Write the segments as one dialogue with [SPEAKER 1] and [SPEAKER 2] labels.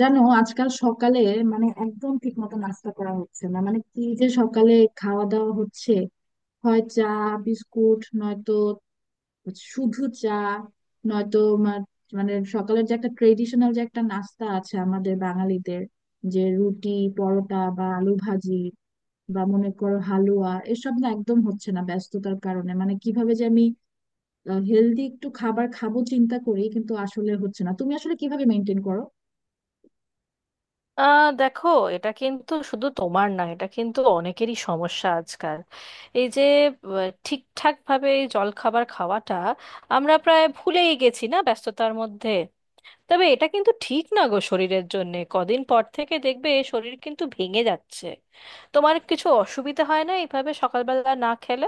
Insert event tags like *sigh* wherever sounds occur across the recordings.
[SPEAKER 1] জানো, আজকাল সকালে মানে একদম ঠিক মতো নাস্তা করা হচ্ছে না। মানে কি যে সকালে খাওয়া দাওয়া হচ্ছে, হয় চা বিস্কুট, নয়তো শুধু চা, নয়তো মা- মানে সকালের যে একটা ট্রেডিশনাল যে একটা নাস্তা আছে আমাদের বাঙালিদের, যে রুটি পরোটা বা আলু ভাজি বা মনে করো হালুয়া, এসব না একদম হচ্ছে না ব্যস্ততার কারণে। মানে কিভাবে যে আমি হেলদি একটু খাবার খাবো চিন্তা করি কিন্তু আসলে হচ্ছে না। তুমি আসলে কিভাবে মেনটেন করো?
[SPEAKER 2] দেখো, এটা কিন্তু শুধু তোমার না, এটা কিন্তু অনেকেরই সমস্যা আজকাল। এই যে আহ, ঠিকঠাক ভাবে এই জলখাবার খাওয়াটা আমরা প্রায় ভুলেই গেছি না ব্যস্ততার মধ্যে। তবে এটা কিন্তু ঠিক না গো, শরীরের জন্যে কদিন পর থেকে দেখবে শরীর কিন্তু ভেঙে যাচ্ছে। তোমার কিছু অসুবিধা হয় না এইভাবে সকালবেলা না খেলে?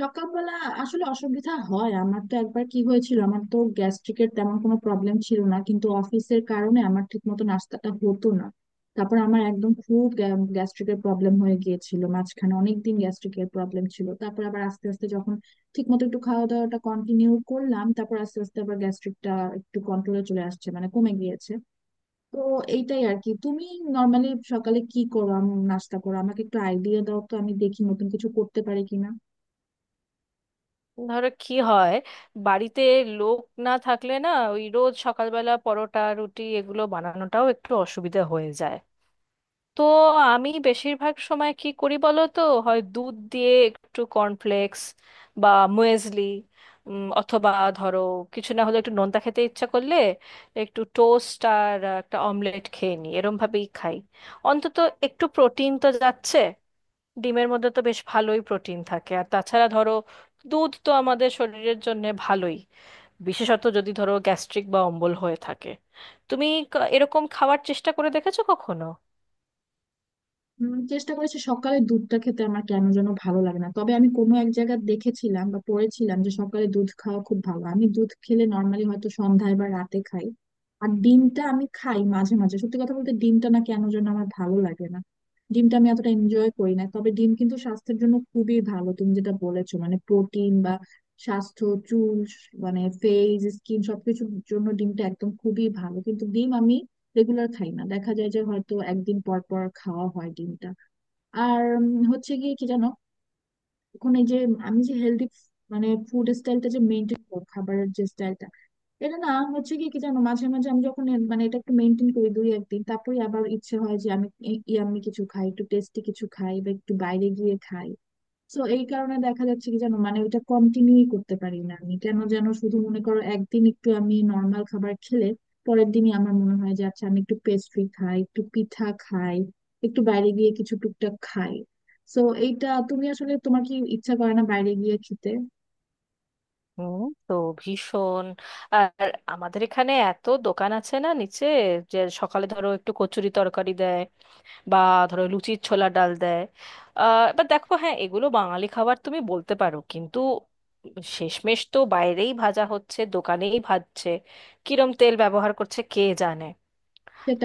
[SPEAKER 1] সকালবেলা আসলে অসুবিধা হয়। আমার তো একবার কি হয়েছিল, আমার তো গ্যাস্ট্রিকের তেমন কোনো প্রবলেম ছিল না কিন্তু অফিসের কারণে আমার ঠিক মতো নাস্তাটা হতো না। তারপর আমার একদম খুব গ্যাস্ট্রিকের প্রবলেম হয়ে গিয়েছিল। মাঝখানে অনেকদিন গ্যাস্ট্রিকের প্রবলেম ছিল। তারপর আবার আস্তে আস্তে যখন ঠিক মতো একটু খাওয়া দাওয়াটা কন্টিনিউ করলাম, তারপর আস্তে আস্তে আবার গ্যাস্ট্রিকটা একটু কন্ট্রোলে চলে আসছে, মানে কমে গিয়েছে। তো এইটাই আর কি। তুমি নর্মালি সকালে কি করো, নাস্তা করো? আমাকে একটু আইডিয়া দাও তো, আমি দেখি নতুন কিছু করতে পারি কিনা।
[SPEAKER 2] ধরো কি হয়, বাড়িতে লোক না থাকলে না, ওই রোজ সকালবেলা পরোটা রুটি এগুলো বানানোটাও একটু অসুবিধা হয়ে যায়। তো আমি বেশিরভাগ সময় কি করি বলো তো, হয় দুধ দিয়ে একটু কর্নফ্লেক্স বা মুয়েসলি, অথবা ধরো কিছু না হলে একটু নোনতা খেতে ইচ্ছা করলে একটু টোস্ট আর একটা অমলেট খেয়ে নিই, এরম ভাবেই খাই। অন্তত একটু প্রোটিন তো যাচ্ছে, ডিমের মধ্যে তো বেশ ভালোই প্রোটিন থাকে। আর তাছাড়া ধরো দুধ তো আমাদের শরীরের জন্য ভালোই, বিশেষত যদি ধরো গ্যাস্ট্রিক বা অম্বল হয়ে থাকে। তুমি এরকম খাওয়ার চেষ্টা করে দেখেছো কখনো?
[SPEAKER 1] চেষ্টা করেছি সকালে দুধটা খেতে, আমার কেন যেন ভালো লাগে না। তবে আমি কোনো এক জায়গায় দেখেছিলাম বা পড়েছিলাম যে সকালে দুধ খাওয়া খুব ভালো। আমি দুধ খেলে নর্মালি হয়তো সন্ধ্যায় বা রাতে খাই। আর ডিমটা আমি খাই মাঝে মাঝে। সত্যি কথা বলতে ডিমটা না কেন যেন আমার ভালো লাগে না, ডিমটা আমি এতটা এনজয় করি না। তবে ডিম কিন্তু স্বাস্থ্যের জন্য খুবই ভালো, তুমি যেটা বলেছো মানে প্রোটিন বা স্বাস্থ্য, চুল, মানে ফেস স্কিন সবকিছুর জন্য ডিমটা একদম খুবই ভালো। কিন্তু ডিম আমি রেগুলার খাই না, দেখা যায় যে হয়তো একদিন পর পর খাওয়া হয় ডিমটা। আর হচ্ছে গিয়ে কি জানো, এখন এই যে আমি যে হেলদি মানে ফুড স্টাইলটা যে মেনটেন করি, খাবারের যে স্টাইলটা, এটা না হচ্ছে কি, কি জানো, মাঝে মাঝে আমি যখন মানে এটা একটু মেনটেন করি দুই একদিন, তারপরে আবার ইচ্ছে হয় যে আমি ইয়াম্মি কিছু খাই, একটু টেস্টি কিছু খাই বা একটু বাইরে গিয়ে খাই। তো এই কারণে দেখা যাচ্ছে কি জানো, মানে ওইটা কন্টিনিউ করতে পারি না। আমি কেন যেন শুধু মনে করো একদিন একটু আমি নর্মাল খাবার খেলে পরের দিনই আমার মনে হয় যে আচ্ছা আমি একটু পেস্ট্রি খাই, একটু পিঠা খাই, একটু বাইরে গিয়ে কিছু টুকটাক খাই। তো এইটা, তুমি আসলে তোমার কি ইচ্ছা করে না বাইরে গিয়ে খেতে?
[SPEAKER 2] হুম, তো ভীষণ। আর আমাদের এখানে এত দোকান আছে না নিচে, যে সকালে ধরো একটু কচুরি তরকারি দেয়, বা ধরো লুচির ছোলা ডাল দেয়। এবার দেখো, হ্যাঁ, এগুলো বাঙালি খাবার তুমি বলতে পারো, কিন্তু শেষমেশ তো বাইরেই ভাজা হচ্ছে, দোকানেই ভাজছে, কিরম তেল ব্যবহার করছে কে জানে।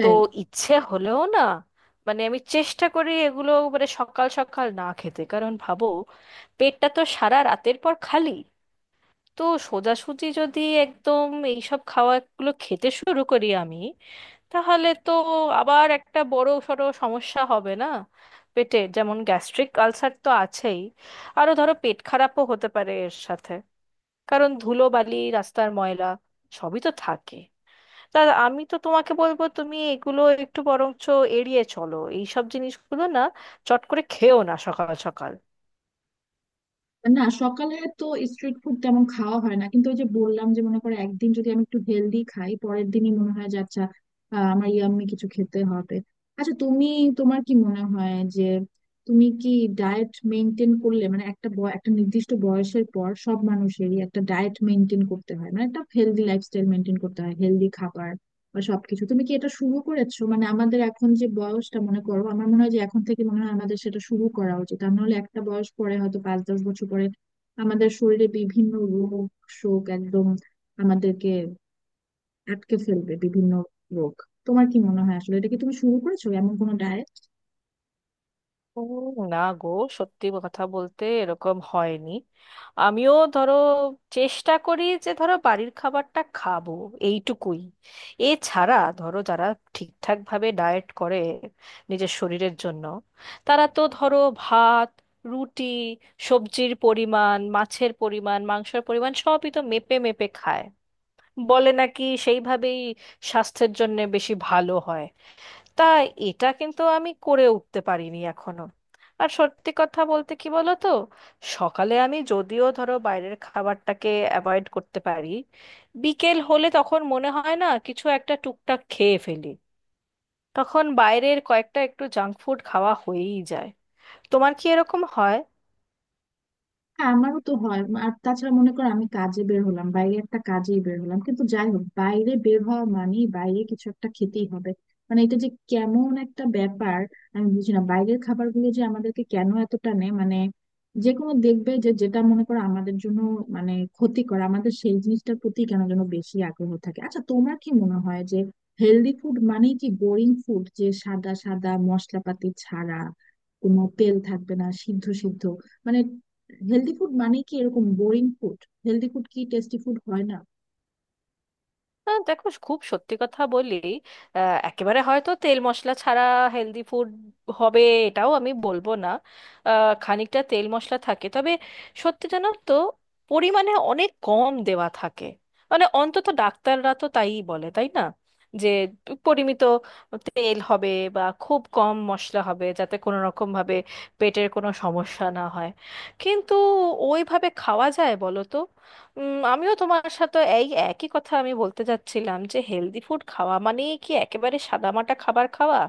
[SPEAKER 2] তো ইচ্ছে হলেও না, মানে আমি চেষ্টা করি এগুলো মানে সকাল সকাল না খেতে। কারণ ভাবো, পেটটা তো সারা রাতের পর খালি, তো সোজাসুজি যদি একদম এইসব খাওয়াগুলো খেতে শুরু করি আমি, তাহলে তো আবার একটা বড় সড়ো সমস্যা হবে না? পেটের যেমন গ্যাস্ট্রিক আলসার তো আছেই, আরো ধরো পেট খারাপও হতে পারে এর সাথে, কারণ ধুলো বালি রাস্তার ময়লা সবই তো থাকে। তা আমি তো তোমাকে বলবো, তুমি এগুলো একটু বরঞ্চ এড়িয়ে চলো, এইসব জিনিসগুলো না চট করে খেও না সকাল সকাল।
[SPEAKER 1] না সকালে তো স্ট্রিট ফুড তেমন খাওয়া হয় না, কিন্তু ওই যে বললাম যে মনে করো একদিন যদি আমি একটু হেলদি খাই পরের দিনই মনে হয় যে আচ্ছা, আমার ইয়াম্মি কিছু খেতে হবে। আচ্ছা তুমি, তোমার কি মনে হয় যে তুমি কি ডায়েট মেনটেন করলে, মানে একটা একটা নির্দিষ্ট বয়সের পর সব মানুষেরই একটা ডায়েট মেনটেন করতে হয়, মানে একটা হেলদি লাইফস্টাইল মেনটেন করতে হয়, হেলদি খাবার বা সবকিছু তুমি কি এটা শুরু করেছো? মানে আমাদের এখন যে বয়সটা, মনে করো আমার মনে হয় যে এখন থেকে মনে হয় আমাদের সেটা শুরু করা উচিত আর নাহলে একটা বয়স পরে হয়তো পাঁচ দশ বছর পরে আমাদের শরীরে বিভিন্ন রোগ শোক একদম আমাদেরকে আটকে ফেলবে, বিভিন্ন রোগ। তোমার কি মনে হয় আসলে এটা কি তুমি শুরু করেছো এমন কোনো ডায়েট?
[SPEAKER 2] উম, না গো, সত্যি কথা বলতে এরকম হয়নি। আমিও ধরো চেষ্টা করি যে ধরো বাড়ির খাবারটা খাবো, এইটুকুই। এছাড়া ধরো যারা ঠিকঠাক ভাবে ডায়েট করে নিজের শরীরের জন্য, তারা তো ধরো ভাত, রুটি, সবজির পরিমাণ, মাছের পরিমাণ, মাংসের পরিমাণ সবই তো মেপে মেপে খায়, বলে নাকি সেইভাবেই স্বাস্থ্যের জন্য বেশি ভালো হয়। তা এটা কিন্তু আমি করে উঠতে পারিনি এখনো। আর সত্যি কথা বলতে কি বলো তো, সকালে আমি যদিও ধরো বাইরের খাবারটাকে অ্যাভয়েড করতে পারি, বিকেল হলে তখন মনে হয় না কিছু একটা টুকটাক খেয়ে ফেলি, তখন বাইরের কয়েকটা একটু জাঙ্ক ফুড খাওয়া হয়েই যায়। তোমার কি এরকম হয়?
[SPEAKER 1] হ্যাঁ আমারও তো হয়। আর তাছাড়া মনে করো আমি কাজে বের হলাম, বাইরে একটা কাজেই বের হলাম কিন্তু যাই হোক বাইরে বের হওয়া মানেই বাইরে কিছু একটা খেতেই হবে। মানে এটা যে কেমন একটা ব্যাপার, আমি বুঝি না, বাইরের খাবারগুলো যে আমাদেরকে কেন এত টানে মানে, যে কোনো দেখবে যে যেটা মনে করো আমাদের জন্য মানে ক্ষতিকর আমাদের সেই জিনিসটার প্রতি কেন যেন বেশি আগ্রহ থাকে। আচ্ছা তোমার কি মনে হয় যে হেলদি ফুড মানে কি বোরিং ফুড, যে সাদা সাদা মশলাপাতি ছাড়া কোনো তেল থাকবে না, সিদ্ধ সিদ্ধ, মানে হেলদি ফুড মানে কি এরকম বোরিং ফুড? হেলদি ফুড কি টেস্টি ফুড হয় না?
[SPEAKER 2] দেখো, খুব সত্যি কথা বলি, একেবারে হয়তো তেল মশলা ছাড়া হেলদি ফুড হবে, এটাও আমি বলবো না। আহ, খানিকটা তেল মশলা থাকে, তবে সত্যি জানো তো পরিমাণে অনেক কম দেওয়া থাকে। মানে অন্তত ডাক্তাররা তো তাইই বলে, তাই না, যে পরিমিত তেল হবে বা খুব কম মশলা হবে, যাতে কোনো রকম ভাবে পেটের কোনো সমস্যা না হয়। কিন্তু ওইভাবে খাওয়া যায় বলো তো? আমিও তোমার সাথে এই একই কথা আমি বলতে যাচ্ছিলাম, যে হেলদি ফুড খাওয়া মানে কি একেবারে সাদামাটা খাবার খাওয়া?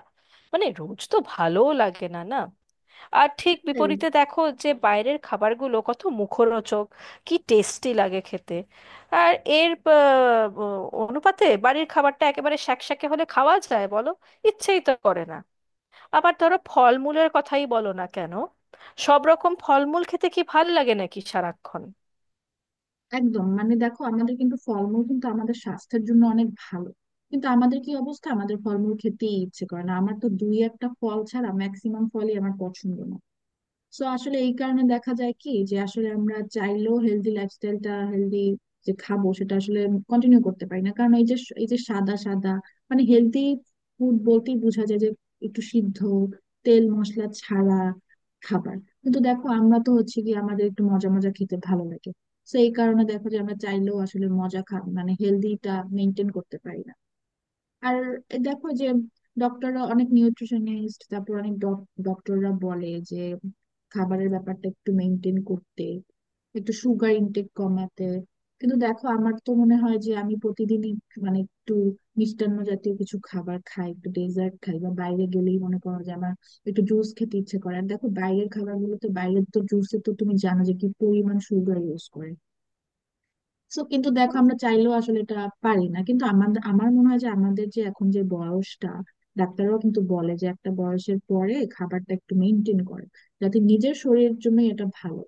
[SPEAKER 2] মানে রোজ তো ভালোও লাগে না না। আর ঠিক
[SPEAKER 1] সেটাই।
[SPEAKER 2] বিপরীতে দেখো যে বাইরের খাবারগুলো কত মুখরোচক, কি টেস্টি লাগে খেতে। আর এর অনুপাতে বাড়ির খাবারটা একেবারে শ্যাকশ্যাকে হলে খাওয়া যায় বলো? ইচ্ছেই তো করে না। আবার ধরো ফলমূলের কথাই বলো না কেন, সব রকম ফলমূল খেতে কি ভাল লাগে নাকি সারাক্ষণ?
[SPEAKER 1] একদম মানে দেখো আমাদের কিন্তু ফলমূল কিন্তু আমাদের স্বাস্থ্যের জন্য অনেক ভালো। কিন্তু আমাদের কি অবস্থা, আমাদের ফলমূল খেতেই ইচ্ছে করে না। আমার তো দুই একটা ফল ছাড়া ম্যাক্সিমাম ফলই আমার পছন্দ না। সো আসলে এই কারণে দেখা যায় কি যে আসলে আমরা চাইলেও হেলদি লাইফস্টাইলটা, হেলদি যে খাবো সেটা আসলে কন্টিনিউ করতে পারি না কারণ এই যে সাদা সাদা মানে হেলদি ফুড বলতেই বোঝা যায় যে একটু সিদ্ধ তেল মশলা ছাড়া খাবার। কিন্তু দেখো আমরা তো হচ্ছে কি আমাদের একটু মজা মজা খেতে ভালো লাগে। তো এই কারণে দেখো যে আমরা চাইলেও আসলে মজা খা মানে হেলদিটা মেনটেন করতে পারি না। আর দেখো যে ডক্টররা, অনেক নিউট্রিশনিস্ট, তারপর অনেক ডক্টররা বলে যে খাবারের ব্যাপারটা একটু মেনটেন করতে, একটু সুগার ইনটেক কমাতে। কিন্তু দেখো আমার তো মনে হয় যে আমি প্রতিদিনই মানে একটু মিষ্টান্ন জাতীয় কিছু খাবার খাই, একটু ডেজার্ট খাই, বা বাইরে গেলেই মনে করো যে আমার একটু জুস খেতে ইচ্ছে করে। আর দেখো বাইরের খাবারগুলোতে, বাইরের তো জুসে তো তুমি জানো যে কি পরিমাণ সুগার ইউজ করে। সো কিন্তু দেখো আমরা চাইলেও আসলে এটা পারি না কিন্তু আমাদের, আমার মনে হয় যে আমাদের যে এখন যে বয়সটা, ডাক্তাররাও কিন্তু বলে যে একটা বয়সের পরে খাবারটা একটু মেনটেন করে যাতে নিজের শরীরের জন্য এটা ভালো।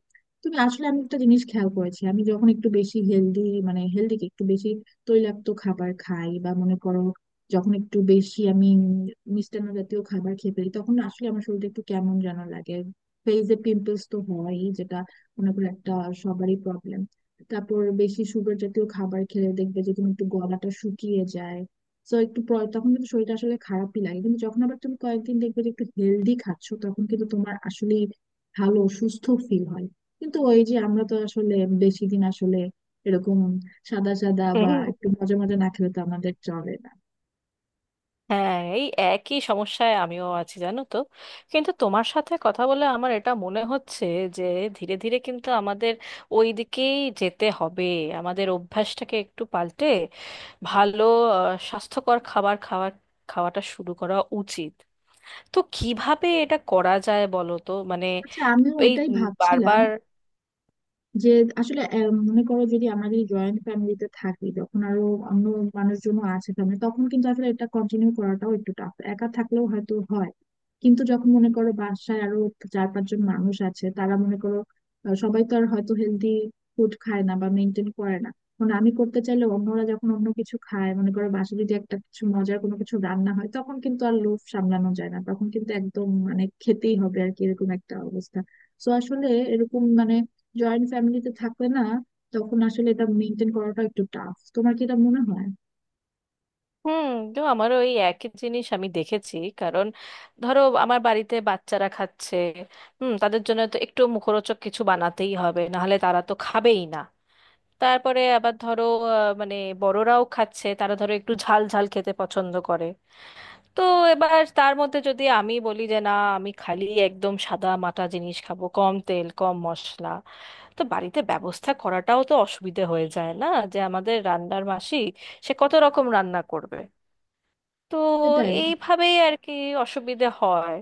[SPEAKER 1] তুমি আসলে, আমি একটা জিনিস খেয়াল করেছি, আমি যখন একটু বেশি হেলদি মানে হেলদি কি, একটু বেশি তৈলাক্ত খাবার খাই বা মনে করো যখন একটু বেশি আমি মিষ্টান্ন জাতীয় খাবার খেয়ে ফেলি তখন আসলে আমার শরীরটা একটু কেমন যেন লাগে। ফেইসে পিম্পলস তো হয়ই, যেটা মনে করো একটা সবারই প্রবলেম। তারপর বেশি সুগার জাতীয় খাবার খেলে দেখবে যে তুমি একটু গলাটা শুকিয়ে যায়। তো একটু তখন কিন্তু শরীরটা আসলে খারাপই লাগে, কিন্তু যখন আবার তুমি কয়েকদিন দেখবে যে একটু হেলদি খাচ্ছো তখন কিন্তু তোমার আসলে ভালো সুস্থ ফিল হয়। কিন্তু ওই যে আমরা তো আসলে বেশি দিন আসলে এরকম সাদা সাদা বা একটু
[SPEAKER 2] *laughs*
[SPEAKER 1] মজা মজা না খেলে তো আমাদের চলে না।
[SPEAKER 2] হ্যাঁ, এই একই সমস্যায় আমিও আছি জানো তো। কিন্তু তোমার সাথে কথা বলে আমার এটা মনে হচ্ছে যে ধীরে ধীরে কিন্তু আমাদের ওই দিকেই যেতে হবে। আমাদের অভ্যাসটাকে একটু পাল্টে ভালো স্বাস্থ্যকর খাবার খাওয়ার খাওয়াটা শুরু করা উচিত। তো কিভাবে এটা করা যায় বলো তো মানে
[SPEAKER 1] আচ্ছা আমিও
[SPEAKER 2] এই
[SPEAKER 1] ওটাই ভাবছিলাম
[SPEAKER 2] বারবার।
[SPEAKER 1] যে আসলে মনে করো যদি আমরা যদি জয়েন্ট ফ্যামিলিতে থাকি যখন আরো অন্য মানুষজনও আছে ফ্যামিলি, তখন কিন্তু আসলে এটা কন্টিনিউ করাটাও একটু টাফ। একা থাকলেও হয়তো হয় কিন্তু যখন মনে করো বাসায় আরো চার পাঁচজন মানুষ আছে তারা মনে করো, সবাই তো আর হয়তো হেলদি ফুড খায় না বা মেনটেন করে না। মানে আমি করতে চাইলে অন্যরা যখন অন্য কিছু খায়, মনে করো বাসায় যদি একটা কিছু মজার কোনো কিছু রান্না হয় তখন কিন্তু আর লোভ সামলানো যায় না, তখন কিন্তু একদম মানে খেতেই হবে আর কি, এরকম একটা অবস্থা। তো আসলে এরকম মানে জয়েন্ট ফ্যামিলিতে থাকলে না তখন আসলে এটা মেনটেন করাটা একটু টাফ। তোমার কি এটা মনে হয়?
[SPEAKER 2] হুম, তো আমারও ওই একই জিনিস আমি দেখেছি। কারণ ধরো আমার বাড়িতে বাচ্চারা খাচ্ছে, হুম, তাদের জন্য তো একটু মুখরোচক কিছু বানাতেই হবে, নাহলে তারা তো খাবেই না। তারপরে আবার ধরো মানে বড়রাও খাচ্ছে, তারা ধরো একটু ঝাল ঝাল খেতে পছন্দ করে। তো এবার তার মধ্যে যদি আমি বলি যে না, আমি খালি একদম সাদা মাটা জিনিস খাবো, কম তেল কম মশলা, তো বাড়িতে ব্যবস্থা করাটাও তো অসুবিধে হয়ে যায় না? যে আমাদের রান্নার মাসি সে কত রকম রান্না করবে। তো
[SPEAKER 1] সেটাই।
[SPEAKER 2] এইভাবেই আর কি অসুবিধে হয়।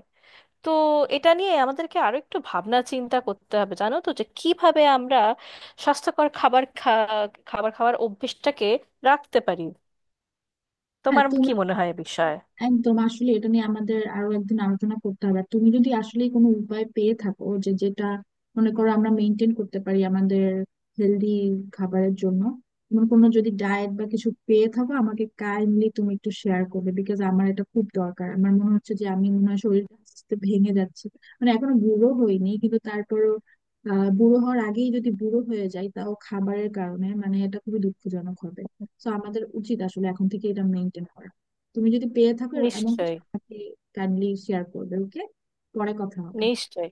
[SPEAKER 2] তো এটা নিয়ে আমাদেরকে আরো একটু ভাবনা চিন্তা করতে হবে জানো তো, যে কিভাবে আমরা স্বাস্থ্যকর খাবার খাওয়ার অভ্যেসটাকে রাখতে পারি।
[SPEAKER 1] হ্যাঁ
[SPEAKER 2] তোমার কি
[SPEAKER 1] তুমি
[SPEAKER 2] মনে হয় এ বিষয়ে?
[SPEAKER 1] একদম আসলে, এটা নিয়ে আমাদের আরো একদিন আলোচনা করতে হবে। আর তুমি যদি আসলে কোনো উপায় পেয়ে থাকো যে যেটা মনে করো আমরা মেনটেন করতে পারি আমাদের হেলদি খাবারের জন্য, এমন কোনো যদি ডায়েট বা কিছু পেয়ে থাকো আমাকে কাইন্ডলি তুমি একটু শেয়ার করবে, বিকজ আমার এটা খুব দরকার। আমার মনে হচ্ছে যে আমি মনে হয় শরীরটা আস্তে আস্তে ভেঙে যাচ্ছে, মানে এখনো বুড়ো হইনি কিন্তু তারপরও বুড়ো হওয়ার আগেই যদি বুড়ো হয়ে যাই তাও খাবারের কারণে, মানে এটা খুবই দুঃখজনক হবে। তো আমাদের উচিত আসলে এখন থেকে এটা মেনটেন করা। তুমি যদি পেয়ে থাকো এমন কিছু
[SPEAKER 2] নিশ্চয়ই।
[SPEAKER 1] আমাকে কাইন্ডলি শেয়ার করবে, ওকে? পরে কথা হবে।
[SPEAKER 2] নিশ্চয়ই।